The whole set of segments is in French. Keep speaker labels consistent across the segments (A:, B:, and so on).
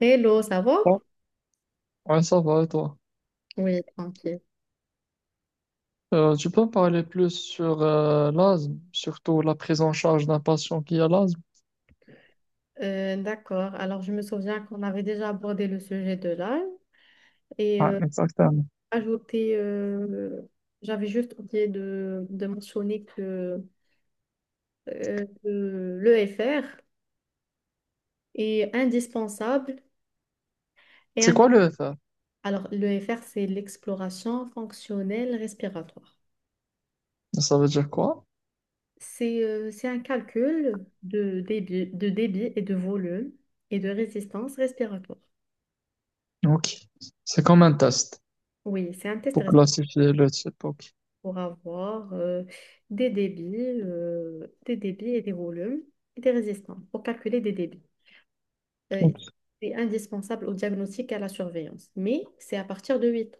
A: Hello, ça va?
B: Ouais, ouais, ça va, et toi?
A: Oui, tranquille.
B: Tu peux me parler plus sur l'asthme, surtout la prise en charge d'un patient qui a l'asthme?
A: D'accord. Alors, je me souviens qu'on avait déjà abordé le sujet de l'âge et
B: Ouais, exactement.
A: ajouté, j'avais juste oublié de mentionner que l'EFR est indispensable. Et
B: C'est quoi
A: indi-
B: le FR?
A: Alors, l'EFR, c'est l'exploration fonctionnelle respiratoire.
B: Ça veut dire quoi?
A: C'est un calcul de débit et de volume et de résistance respiratoire.
B: Ok. C'est comme un test
A: Oui, c'est un test
B: pour classifier le type. Ok.
A: pour avoir des débits, des débits et des volumes et des résistances pour calculer des débits. Euh,
B: Ok.
A: c'est indispensable au diagnostic et à la surveillance, mais c'est à partir de 8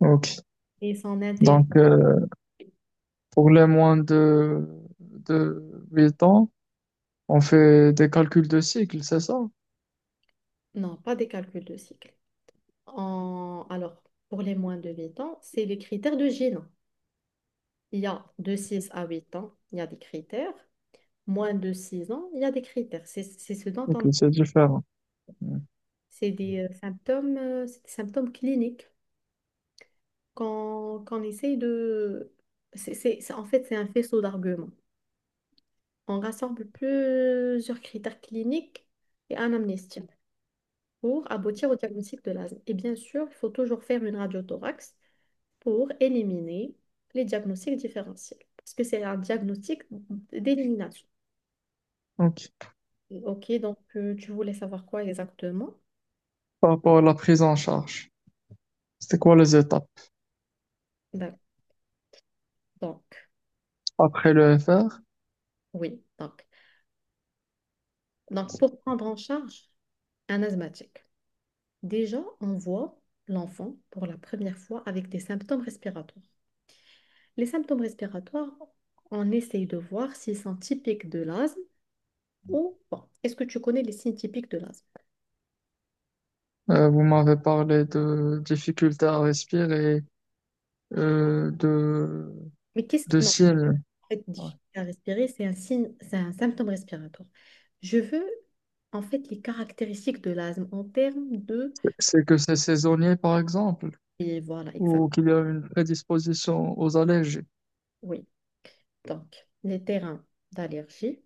B: Ok.
A: et s'en intéresse.
B: Donc, pour les moins de 8 ans, on fait des calculs de cycle, c'est ça?
A: Non, pas des calculs de cycle. Alors, pour les moins de 8 ans, c'est les critères de GINA. Il y a de 6 à 8 ans, il y a des critères. Moins de 6 ans, il y a des critères. C'est ce dont
B: Ok,
A: on...
B: c'est différent. Mm.
A: C'est des symptômes cliniques qu'on essaye de... En fait, c'est un faisceau d'arguments. On rassemble plusieurs critères cliniques et un amnistie pour aboutir au diagnostic de l'asthme. Et bien sûr, il faut toujours faire une radiothorax pour éliminer les diagnostics différentiels, parce que c'est un diagnostic d'élimination.
B: Ok.
A: OK, donc tu voulais savoir quoi exactement?
B: Par rapport à la prise en charge, c'était quoi les étapes?
A: D'ac- Donc,
B: Après le FR?
A: oui, donc pour prendre en charge un asthmatique. Déjà, on voit l'enfant pour la première fois avec des symptômes respiratoires. Les symptômes respiratoires, on essaye de voir s'ils sont typiques de l'asthme ou pas. Est-ce que tu connais les signes typiques de l'asthme?
B: Vous m'avez parlé de difficultés à respirer, euh, de, de
A: Non,
B: ciel.
A: en fait,
B: Ouais.
A: difficulté à respirer, c'est un signe, c'est un symptôme respiratoire. Je veux, en fait, les caractéristiques de l'asthme en termes de...
B: C'est que c'est saisonnier, par exemple,
A: Et voilà, exact.
B: ou qu'il y a une prédisposition aux allergies.
A: Oui. Donc, les terrains d'allergie.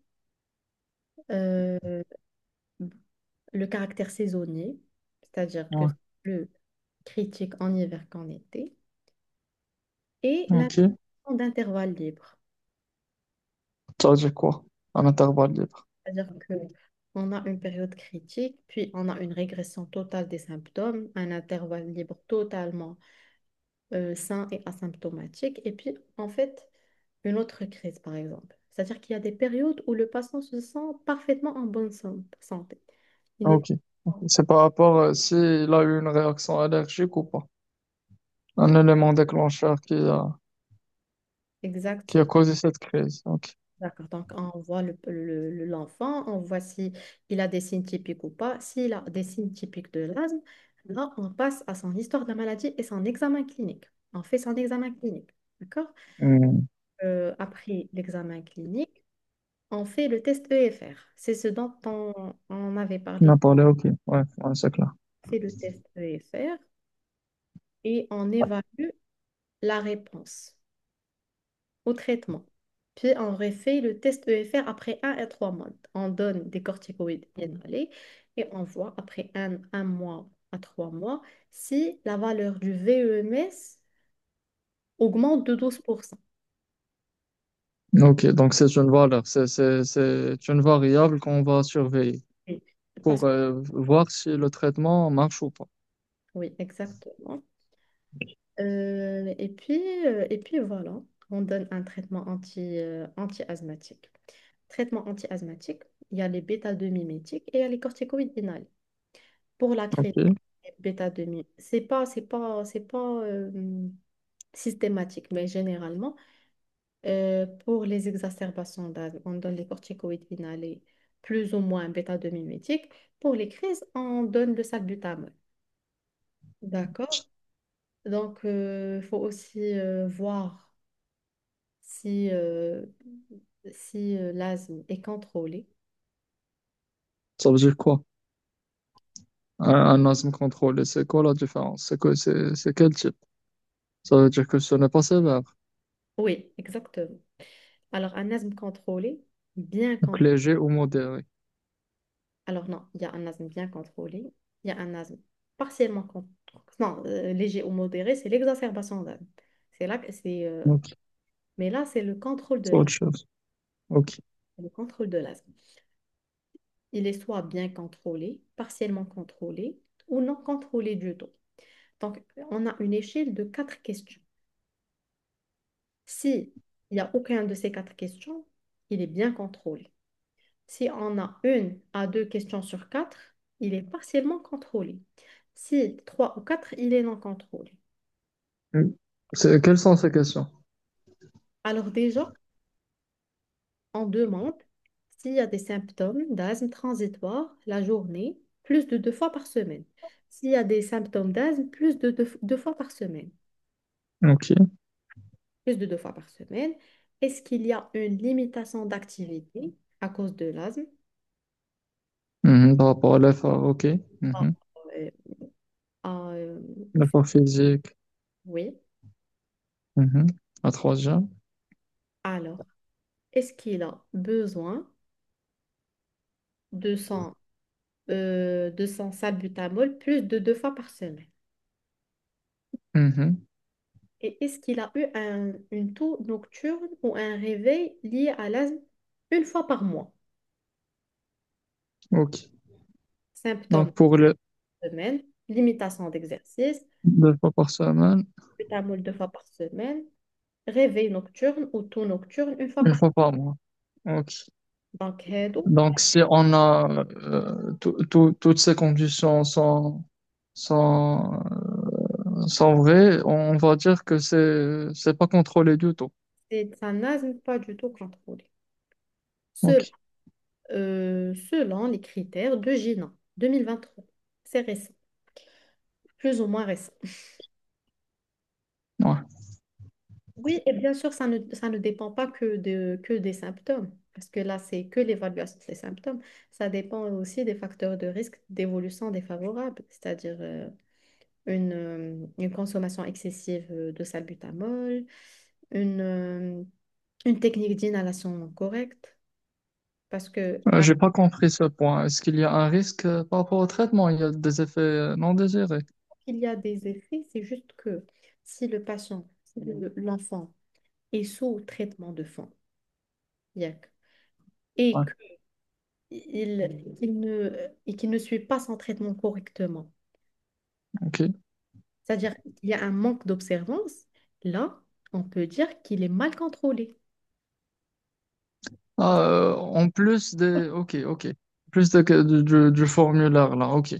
A: euh, le caractère saisonnier, c'est-à-dire que
B: Ouais.
A: c'est plus critique en hiver qu'en été, et la
B: Ok.
A: notion d'intervalle libre,
B: Ça veut dire quoi? Un intervalle libre.
A: c'est-à-dire que on a une période critique, puis on a une régression totale des symptômes, un intervalle libre totalement sain et asymptomatique, et puis en fait une autre crise par exemple. C'est-à-dire qu'il y a des périodes où le patient se sent parfaitement en bonne santé. Il
B: Ah,
A: n'est
B: ok. Ok.
A: pas...
B: C'est par rapport à s'il a eu une réaction allergique ou pas. Un
A: Oui,
B: élément déclencheur
A: exact.
B: qui a causé cette crise. Ok.
A: D'accord, donc on voit l'enfant, on voit si il a des signes typiques ou pas. S'il a des signes typiques de l'asthme, là, on passe à son histoire de la maladie et son examen clinique. On fait son examen clinique, d'accord?
B: Hmm.
A: Après l'examen clinique, on fait le test EFR. C'est ce dont on avait
B: On
A: parlé,
B: a parlé, ok. Ouais, ouais, c'est clair.
A: c'est le test EFR et on évalue la réponse au traitement. Puis on refait le test EFR après 1 à 3 mois. On donne des corticoïdes inhalés et on voit après un mois à 3 mois si la valeur du VEMS augmente de 12%.
B: Ok, donc c'est une valeur, c'est une variable qu'on va surveiller
A: Oui.
B: pour
A: Parce que,
B: voir si le traitement marche ou pas.
A: oui, exactement. Euh, et puis, et puis voilà, on donne un traitement anti, anti-asthmatique. Traitement anti-asthmatique, il y a les bêta-2-mimétiques et il y a les corticoïdes inhalés. Pour la créer
B: Ok.
A: bêta 2000. C'est pas systématique, mais généralement, pour les exacerbations d'asthme, on donne les corticoïdes inhalés, plus ou moins bêta 2 mimétiques. Pour les crises, on donne le salbutamol. D'accord? Donc, il faut aussi voir si, si l'asthme est contrôlé.
B: Ça veut dire quoi? Un asthme contrôlé, c'est quoi la différence? C'est quel type? Ça veut dire que ce n'est pas sévère,
A: Oui, exactement. Alors, un asthme contrôlé, bien
B: donc
A: contrôlé.
B: léger ou modéré.
A: Alors non, il y a un asthme bien contrôlé, il y a un asthme partiellement con- non, léger ou modéré, c'est l'exacerbation d'asthme. C'est là que c'est
B: Ok.
A: mais là c'est le contrôle de
B: C'est
A: l'asthme.
B: autre chose. Ok.
A: Le contrôle de l'asthme. Il est soit bien contrôlé, partiellement contrôlé ou non contrôlé du tout. Donc on a une échelle de quatre questions. Si il n'y a aucun de ces quatre questions, il est bien contrôlé. Si on a une à deux questions sur quatre, il est partiellement contrôlé. Si trois ou quatre, il est non contrôlé.
B: Mm. C'est, quelles sont ces questions?
A: Alors déjà, on demande s'il y a des symptômes d'asthme transitoire la journée, plus de deux fois par semaine. S'il y a des symptômes d'asthme, plus de deux fois par semaine.
B: Ok.
A: Plus de deux fois par semaine. Est-ce qu'il y a une limitation d'activité à cause de l'asthme?
B: Mhm. Par rapport à l'effort, ok.
A: Ah,
B: Mhm.
A: euh, ah,
B: L'effort physique.
A: oui.
B: Mhm. La troisième.
A: Alors, est-ce qu'il a besoin de son, de son salbutamol plus de deux fois par semaine?
B: Mhm.
A: Et est-ce qu'il a eu une toux nocturne ou un réveil lié à l'asthme une fois par mois?
B: Ok.
A: Symptômes
B: Donc, pour le
A: par semaine, limitation d'exercice,
B: deux fois par semaine,
A: pétamol deux fois par semaine, réveil nocturne ou toux nocturne une fois
B: une
A: par
B: fois
A: mois.
B: par mois. Ok.
A: Donc, هادو,
B: Donc, si on a toutes ces conditions sont, sont vraies, on va dire que c'est pas contrôlé du tout.
A: c'est un asthme pas du tout contrôlé.
B: Ok.
A: Selon, selon les critères de GINA 2023. C'est récent, plus ou moins récent.
B: Ouais.
A: Oui, et bien sûr, ça ne dépend pas que, de, que des symptômes, parce que là, c'est que l'évaluation des symptômes. Ça dépend aussi des facteurs de risque d'évolution défavorable, c'est-à-dire une consommation excessive de salbutamol, une, euh, une technique d'inhalation correcte, parce que alors
B: J'ai pas compris ce point. Est-ce qu'il y a un risque par rapport au traitement? Il y a des effets non désirés.
A: qu'il y a des effets, c'est juste que si le patient, si le- l'enfant est sous traitement de fond, IAC, et
B: Ouais.
A: il, il ne, qu'il ne suit pas son traitement correctement.
B: Ok.
A: C'est-à-dire qu'il y a un manque d'observance, là, on peut dire qu'il est mal contrôlé.
B: En plus des. Ok, ok. Plus de, du- Du formulaire là. Ok.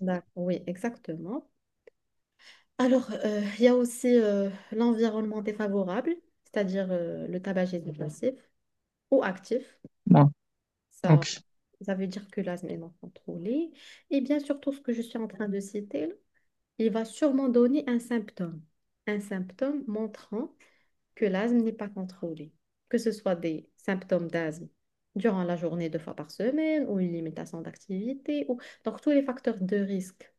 A: Oui, exactement. Alors, il y a aussi l'environnement défavorable, c'est-à-dire le tabagisme passif ou actif.
B: Ouais.
A: Ça,
B: Ok.
A: ça veut dire que l'asthme est non contrôlé. Et bien sûr, tout ce que je suis en train de citer, là, il va sûrement donner un symptôme. Un symptôme montrant que l'asthme n'est pas contrôlé, que ce soit des symptômes d'asthme durant la journée deux fois par semaine ou une limitation d'activité, ou... donc tous les facteurs de risque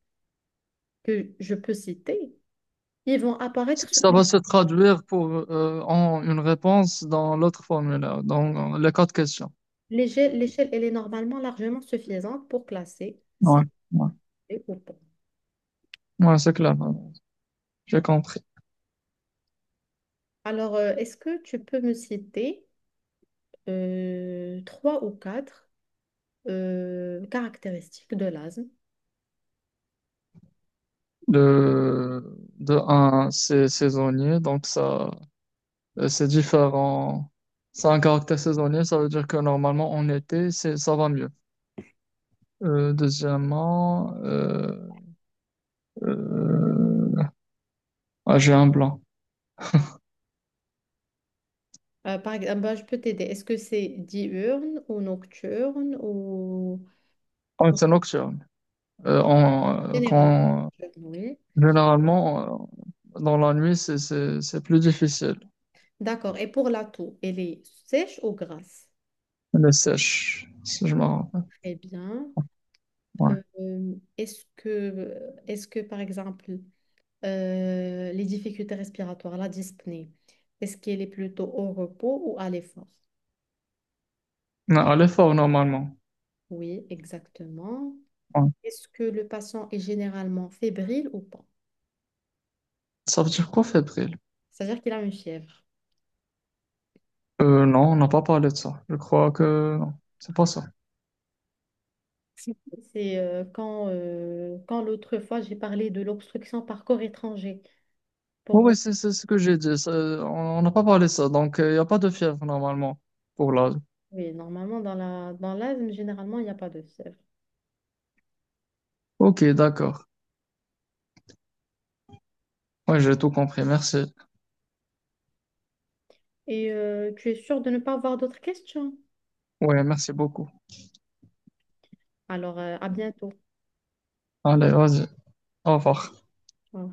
A: que je peux citer, ils vont apparaître sur
B: Ça va se traduire pour en une réponse dans l'autre formulaire, dans les quatre questions.
A: l'échelle, elle est normalement largement suffisante pour classer
B: Ouais,
A: si
B: ouais,
A: c'est ou pas.
B: ouais, c'est clair. Ouais. J'ai compris.
A: Alors, est-ce que tu peux me citer trois ou quatre caractéristiques de l'asthme?
B: De, de un, c'est saisonnier, donc ça, c'est différent. Ça a un caractère saisonnier, ça veut dire que normalement en été, ça va mieux. Deuxièmement, euh, ah, j'ai un blanc.
A: Par exemple, bah, je peux t'aider. Est-ce que c'est diurne ou nocturne? Ou
B: Ah, c'est nocturne. Euh, en- euh,
A: Généralement,
B: quand,
A: oui.
B: Généralement, dans la nuit, c'est plus difficile.
A: D'accord. Et pour la toux, elle est sèche ou grasse?
B: Elle est sèche, si je me rappelle.
A: Très bien.
B: Ouais.
A: Est-ce que, par exemple, les difficultés respiratoires, la dyspnée, est-ce qu'elle est plutôt au repos ou à l'effort?
B: Non, elle est forte normalement.
A: Oui, exactement.
B: Ouais.
A: Est-ce que le patient est généralement fébrile ou pas?
B: Ça veut dire quoi, fébrile?
A: C'est-à-dire qu'il a une fièvre.
B: Non, on n'a pas parlé de ça. Je crois que non, c'est pas ça.
A: C'est quand, quand l'autre fois, j'ai parlé de l'obstruction par corps étranger. Pour
B: Oh, oui, c'est ce que j'ai dit. On n'a pas parlé de ça. Donc, il n'y a pas de fièvre normalement pour l'âge.
A: Oui, normalement, dans dans l'asthme, généralement, il n'y a pas de fièvre.
B: Ok, d'accord. Ouais, j'ai tout compris. Merci.
A: Et tu es sûr de ne pas avoir d'autres questions?
B: Ouais, merci beaucoup.
A: Alors, à bientôt.
B: Allez, vas-y. Au revoir.
A: Au